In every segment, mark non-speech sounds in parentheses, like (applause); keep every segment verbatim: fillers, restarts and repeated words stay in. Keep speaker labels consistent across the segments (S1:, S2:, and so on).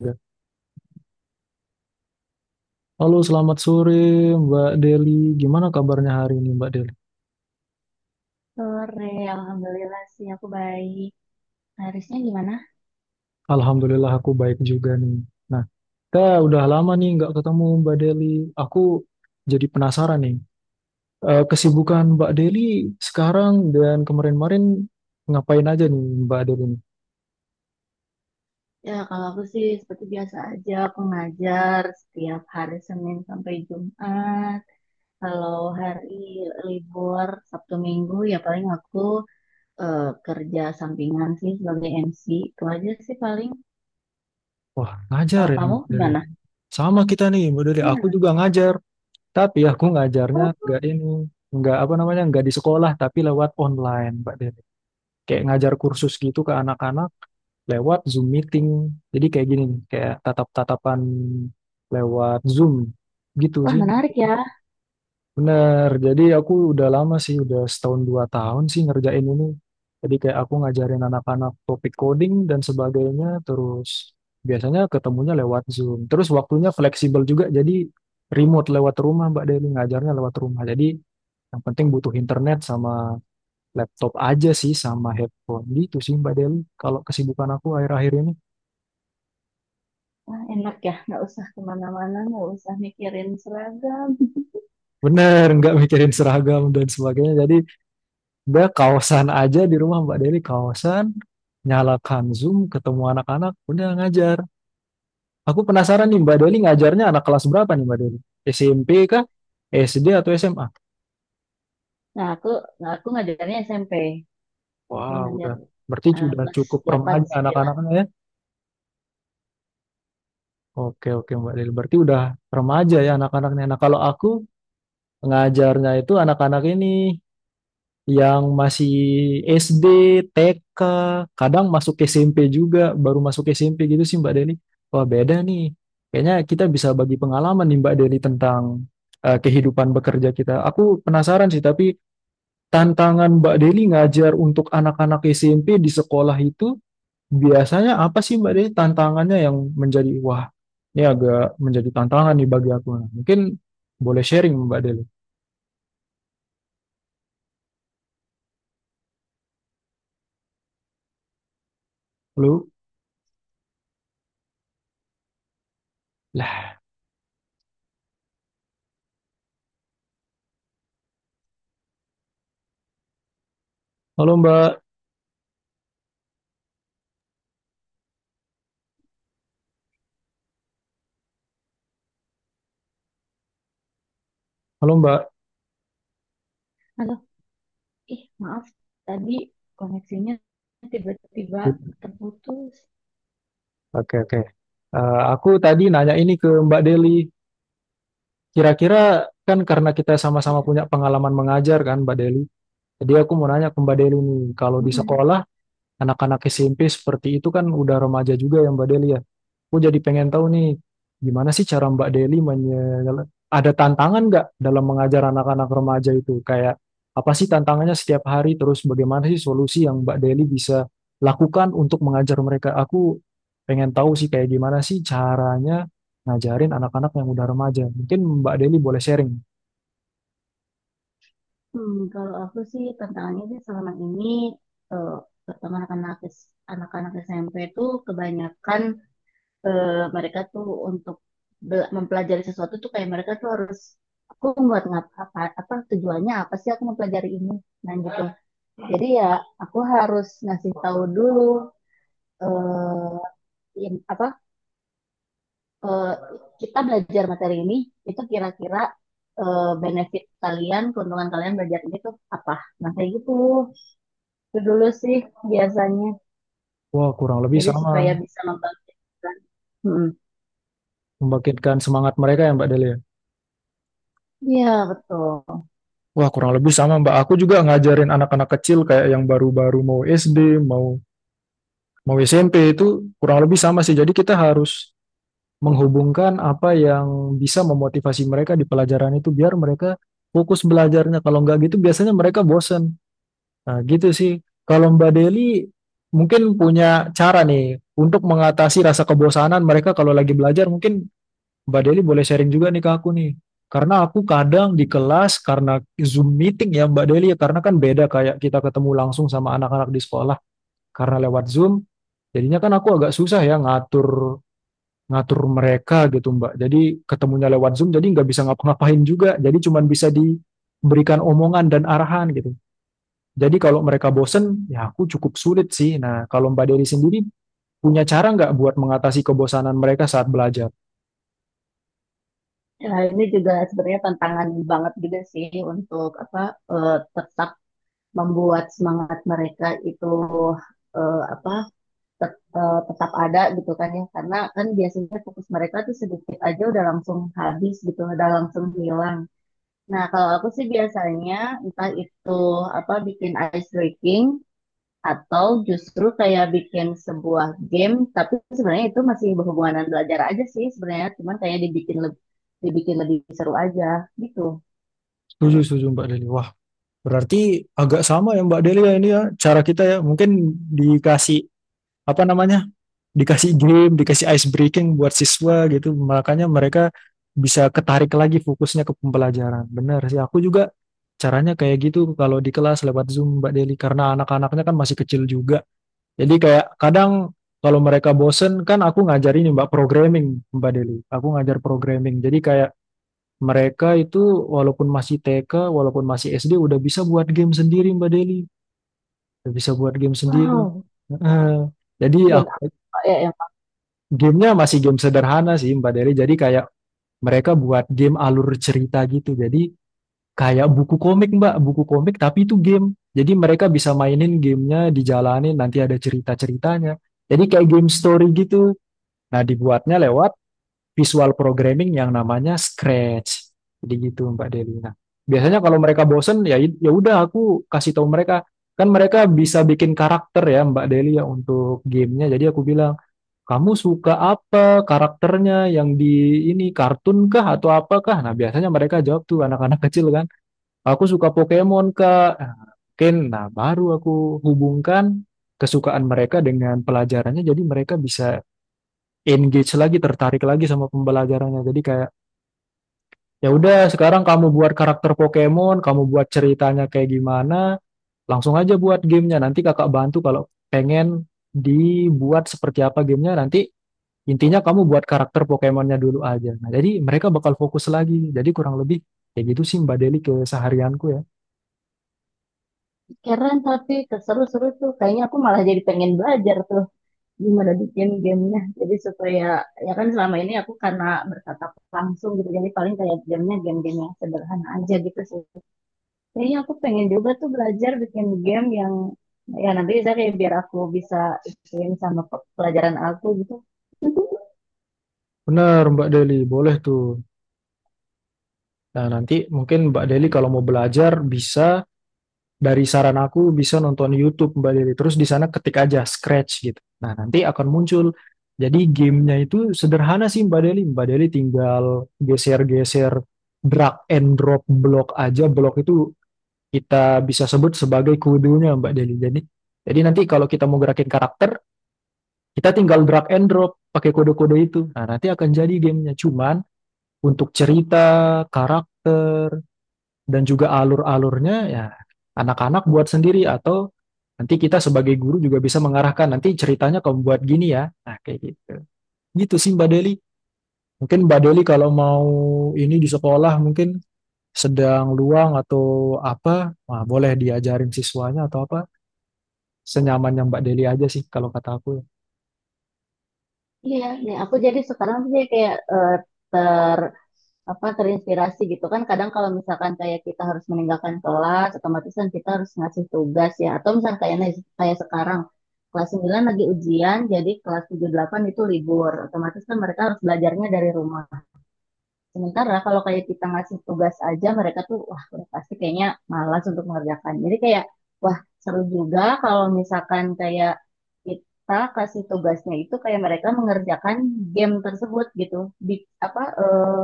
S1: Ya. Halo, selamat sore Mbak Deli. Gimana kabarnya hari ini Mbak Deli?
S2: Sore, alhamdulillah sih aku baik. Harisnya gimana?
S1: Alhamdulillah aku baik juga nih. Nah, kita udah lama nih nggak ketemu Mbak Deli. Aku jadi penasaran nih. Eh, kesibukan Mbak Deli sekarang dan kemarin-kemarin ngapain aja nih Mbak Deli? nih?
S2: Ya, kalau aku sih seperti biasa aja, aku ngajar setiap hari Senin sampai Jumat. Kalau hari libur Sabtu Minggu ya paling aku eh, kerja sampingan sih sebagai M C. Itu aja sih paling.
S1: Wah, ngajar
S2: Kalau
S1: ya
S2: kamu
S1: Mbak Deli.
S2: gimana?
S1: Sama kita nih Mbak Deli. Aku
S2: Iya.
S1: juga ngajar, tapi aku ngajarnya
S2: Oh,
S1: nggak ini, nggak apa namanya, nggak di sekolah, tapi lewat online Mbak Deli. Kayak ngajar kursus gitu ke anak-anak lewat Zoom meeting. Jadi kayak gini, nih, kayak tatap-tatapan lewat Zoom gitu
S2: wah
S1: sih.
S2: menarik ya.
S1: Bener, jadi aku udah lama sih, udah setahun dua tahun sih ngerjain ini. Jadi kayak aku ngajarin anak-anak topik coding dan sebagainya, terus biasanya ketemunya lewat Zoom. Terus waktunya fleksibel juga, jadi remote lewat rumah Mbak Deli, ngajarnya lewat rumah. Jadi yang penting butuh internet sama laptop aja sih, sama headphone gitu sih Mbak Deli. Kalau kesibukan aku akhir-akhir ini.
S2: Wah, enak ya, nggak usah kemana-mana, nggak usah mikirin seragam. (laughs)
S1: Bener, nggak mikirin seragam dan sebagainya. Jadi udah kaosan aja di rumah Mbak Deli, kaosan, nyalakan Zoom, ketemu anak-anak, udah ngajar. Aku penasaran nih Mbak Deli ngajarnya anak kelas berapa nih Mbak Deli? S M P kah? S D atau S M A?
S2: Nah, aku, nah, aku ngajarnya S M P. Gue
S1: Wah,
S2: ngajar
S1: udah. Berarti
S2: eh,
S1: sudah
S2: kelas
S1: cukup
S2: delapan,
S1: remaja
S2: sembilan.
S1: anak-anaknya ya. Oke, oke Mbak Deli. Berarti udah remaja ya anak-anaknya. Nah, kalau aku ngajarnya itu anak-anak ini yang masih S D, T K, kadang masuk SMP juga, baru masuk S M P gitu sih Mbak Deli. Wah beda nih. Kayaknya kita bisa bagi pengalaman nih Mbak Deli tentang eh, kehidupan bekerja kita. Aku penasaran sih, tapi tantangan Mbak Deli ngajar untuk anak-anak S M P di sekolah itu biasanya apa sih Mbak Deli tantangannya yang menjadi, wah ini agak menjadi tantangan nih bagi aku. Nah, mungkin boleh sharing Mbak Deli. Halo, lah, halo Mbak, halo Mbak.
S2: Halo, ih maaf tadi koneksinya tiba-tiba terputus.
S1: Oke, oke. Eh, aku tadi nanya ini ke Mbak Deli, kira-kira kan karena kita
S2: Ya.
S1: sama-sama punya pengalaman mengajar kan Mbak Deli. Jadi aku mau nanya ke Mbak Deli nih, kalau di
S2: Mm-mm.
S1: sekolah anak-anak S M P seperti itu kan udah remaja juga ya Mbak Deli ya. Aku jadi pengen tahu nih, gimana sih cara Mbak Deli menye- ada tantangan nggak dalam mengajar anak-anak remaja itu? Kayak apa sih tantangannya setiap hari? Terus bagaimana sih solusi yang Mbak Deli bisa lakukan untuk mengajar mereka? Aku pengen tahu sih kayak gimana sih caranya ngajarin anak-anak yang udah remaja. Mungkin Mbak Deli boleh sharing.
S2: Hmm, kalau aku sih tantangannya sih selama ini eh, pertama anak-anak S- anak-anak S M P itu kebanyakan eh, mereka tuh untuk bela- mempelajari sesuatu tuh kayak mereka tuh harus aku buat ngap apa apa tujuannya apa sih aku mempelajari ini, nah gitu. Jadi ya aku harus ngasih tahu dulu, eh in- apa eh, kita belajar materi ini itu kira-kira eh, benefit kalian, keuntungan kalian belajar ini tuh apa? Nah kayak gitu itu dulu sih biasanya.
S1: Wah, kurang lebih
S2: Jadi
S1: sama.
S2: supaya bisa membantu. Hmm.
S1: Membangkitkan semangat mereka ya Mbak Deli ya?
S2: Iya betul.
S1: Wah, kurang lebih sama Mbak. Aku juga ngajarin anak-anak kecil kayak yang baru-baru mau S D, mau Mau S M P itu kurang lebih sama sih. Jadi kita harus menghubungkan apa yang bisa memotivasi mereka di pelajaran itu biar mereka fokus belajarnya. Kalau nggak gitu biasanya mereka bosen. Nah, gitu sih. Kalau Mbak Deli mungkin punya cara nih untuk mengatasi rasa kebosanan mereka kalau lagi belajar. Mungkin Mbak Deli boleh sharing juga nih ke aku nih. Karena aku kadang di kelas karena Zoom meeting ya Mbak Deli, ya. Karena kan beda kayak kita ketemu langsung sama anak-anak di sekolah karena lewat Zoom. Jadinya kan aku agak susah ya ngatur ngatur mereka gitu Mbak. Jadi ketemunya lewat Zoom, jadi nggak bisa ngapa-ngapain juga. Jadi cuman bisa diberikan omongan dan arahan gitu. Jadi kalau mereka bosen, ya aku cukup sulit sih. Nah, kalau Mbak Deli sendiri punya cara nggak buat mengatasi kebosanan mereka saat belajar?
S2: Nah, ini juga sebenarnya tantangan banget juga sih untuk apa, eh, tetap membuat semangat mereka itu eh, apa tet- eh, tetap ada gitu kan ya, karena kan biasanya fokus mereka tuh sedikit aja udah langsung habis gitu, udah langsung hilang. Nah kalau aku sih biasanya entah itu apa bikin ice breaking atau justru kayak bikin sebuah game, tapi sebenarnya itu masih berhubungan dengan belajar aja sih sebenarnya, cuman kayak dibikin lebih, dibikin lebih seru aja gitu.
S1: Setuju, setuju Mbak Deli. Wah, berarti agak sama ya Mbak Deli ya ini ya cara kita ya. Mungkin dikasih apa namanya dikasih game, dikasih ice breaking buat siswa gitu. Makanya mereka bisa ketarik lagi fokusnya ke pembelajaran. Benar sih, aku juga caranya kayak gitu kalau di kelas lewat Zoom Mbak Deli karena anak-anaknya kan masih kecil juga. Jadi kayak kadang kalau mereka bosen kan aku ngajarin Mbak programming Mbak Deli. Aku ngajar programming. Jadi kayak mereka itu walaupun masih T K, walaupun masih S D udah bisa buat game sendiri Mbak Deli. Udah bisa buat game sendiri.
S2: Wow,
S1: Heeh. Jadi
S2: game
S1: aku
S2: apa ya yang
S1: gamenya masih game sederhana sih Mbak Deli. Jadi kayak mereka buat game alur cerita gitu. Jadi kayak buku komik Mbak, buku komik tapi itu game. Jadi mereka bisa mainin gamenya, dijalanin nanti ada cerita-ceritanya. Jadi kayak game story gitu. Nah dibuatnya lewat visual programming yang namanya Scratch. Jadi gitu Mbak Deli. Nah biasanya kalau mereka bosen ya ya udah aku kasih tahu mereka. Kan mereka bisa bikin karakter ya Mbak Deli ya untuk gamenya. Jadi aku bilang kamu suka apa karakternya yang di ini kartun kah atau apakah? Nah, biasanya mereka jawab tuh anak-anak (laughs) kecil kan. Aku suka Pokemon kah? Nah, mungkin nah baru aku hubungkan kesukaan mereka dengan pelajarannya jadi mereka bisa engage lagi, tertarik lagi sama pembelajarannya. Jadi kayak ya udah sekarang kamu buat karakter Pokemon, kamu buat ceritanya kayak gimana, langsung aja buat gamenya. Nanti kakak bantu kalau pengen dibuat seperti apa gamenya nanti. Intinya kamu buat karakter Pokemonnya dulu aja. Nah, jadi mereka bakal fokus lagi. Jadi kurang lebih kayak gitu sih Mbak Deli keseharianku ya.
S2: keren tapi keseru seru tuh, kayaknya aku malah jadi pengen belajar tuh gimana bikin gamenya. Jadi supaya, ya kan selama ini aku karena bertatap langsung gitu jadi paling kayak gamenya game-game yang sederhana aja gitu sih. Kayaknya aku pengen juga tuh belajar bikin game yang, ya nanti bisa kayak biar aku bisa ikutin sama pe- pelajaran aku gitu.
S1: Bener Mbak Deli, boleh tuh. Nah, nanti mungkin Mbak Deli kalau mau belajar bisa dari saran aku bisa nonton YouTube Mbak Deli. Terus di sana ketik aja Scratch gitu. Nah, nanti akan muncul. Jadi gamenya itu sederhana sih Mbak Deli. Mbak Deli tinggal geser-geser drag and drop blok aja. Blok itu kita bisa sebut sebagai kudunya Mbak Deli. Jadi, jadi nanti kalau kita mau gerakin karakter, kita tinggal drag and drop pakai kode-kode itu. Nah, nanti akan jadi gamenya. Cuman untuk cerita, karakter, dan juga alur-alurnya ya anak-anak buat sendiri atau nanti kita sebagai guru juga bisa mengarahkan nanti ceritanya kamu buat gini ya. Nah, kayak gitu. Gitu sih Mbak Deli. Mungkin Mbak Deli kalau mau ini di sekolah mungkin sedang luang atau apa, wah, boleh diajarin siswanya atau apa senyamannya Mbak Deli aja sih kalau kata aku ya.
S2: Iya, nih aku jadi sekarang tuh jadi kayak eh, ter apa terinspirasi gitu kan. Kadang kalau misalkan kayak kita harus meninggalkan kelas otomatis kan kita harus ngasih tugas, ya atau misalkan kayak, kayak sekarang kelas sembilan lagi ujian jadi kelas tujuh delapan itu libur, otomatis kan mereka harus belajarnya dari rumah. Sementara kalau kayak kita ngasih tugas aja mereka tuh wah udah pasti kayaknya malas untuk mengerjakan. Jadi kayak wah seru juga kalau misalkan kayak kita kasih tugasnya itu kayak mereka mengerjakan game tersebut gitu. Di apa eh,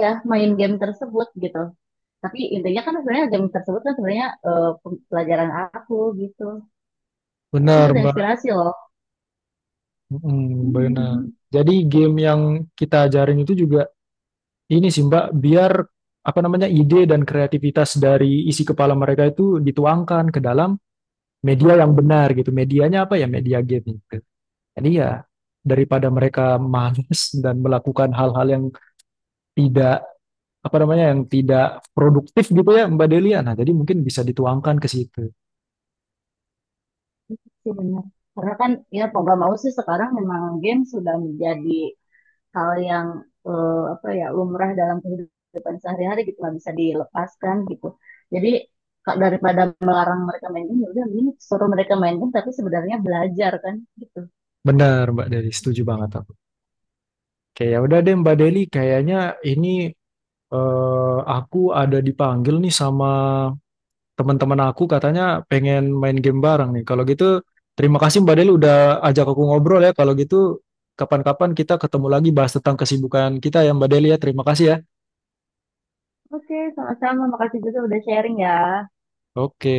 S2: ya main game tersebut gitu. Tapi intinya kan sebenarnya game tersebut kan sebenarnya, eh, pelajaran aku gitu. Itu
S1: Benar,
S2: ada
S1: Mbak.
S2: inspirasi loh.
S1: Mm, benar. Jadi game yang kita ajarin itu juga ini sih, Mbak, biar apa namanya ide dan kreativitas dari isi kepala mereka itu dituangkan ke dalam media yang benar gitu. Medianya apa ya? Media game gitu. Jadi ya daripada mereka malas dan melakukan hal-hal yang tidak apa namanya yang tidak produktif gitu ya, Mbak Delia. Nah, jadi mungkin bisa dituangkan ke situ.
S2: (laughs) Sih benar. Karena kan ya mau gak mau sih sekarang memang game sudah menjadi hal yang, eh, apa ya, lumrah dalam kehidupan sehari-hari gitu, nggak bisa dilepaskan gitu. Jadi kak daripada melarang mereka main game ya udah ini suruh mereka main game tapi sebenarnya belajar kan gitu.
S1: Benar, Mbak Deli, setuju banget. Oke, ya udah deh Mbak Deli, kayaknya ini eh, aku ada dipanggil nih sama teman-teman aku katanya pengen main game bareng nih. Kalau gitu terima kasih Mbak Deli udah ajak aku ngobrol ya. Kalau gitu kapan-kapan kita ketemu lagi bahas tentang kesibukan kita ya Mbak Deli ya. Terima kasih ya.
S2: Oke, sama-sama, makasih juga udah sharing ya.
S1: Oke.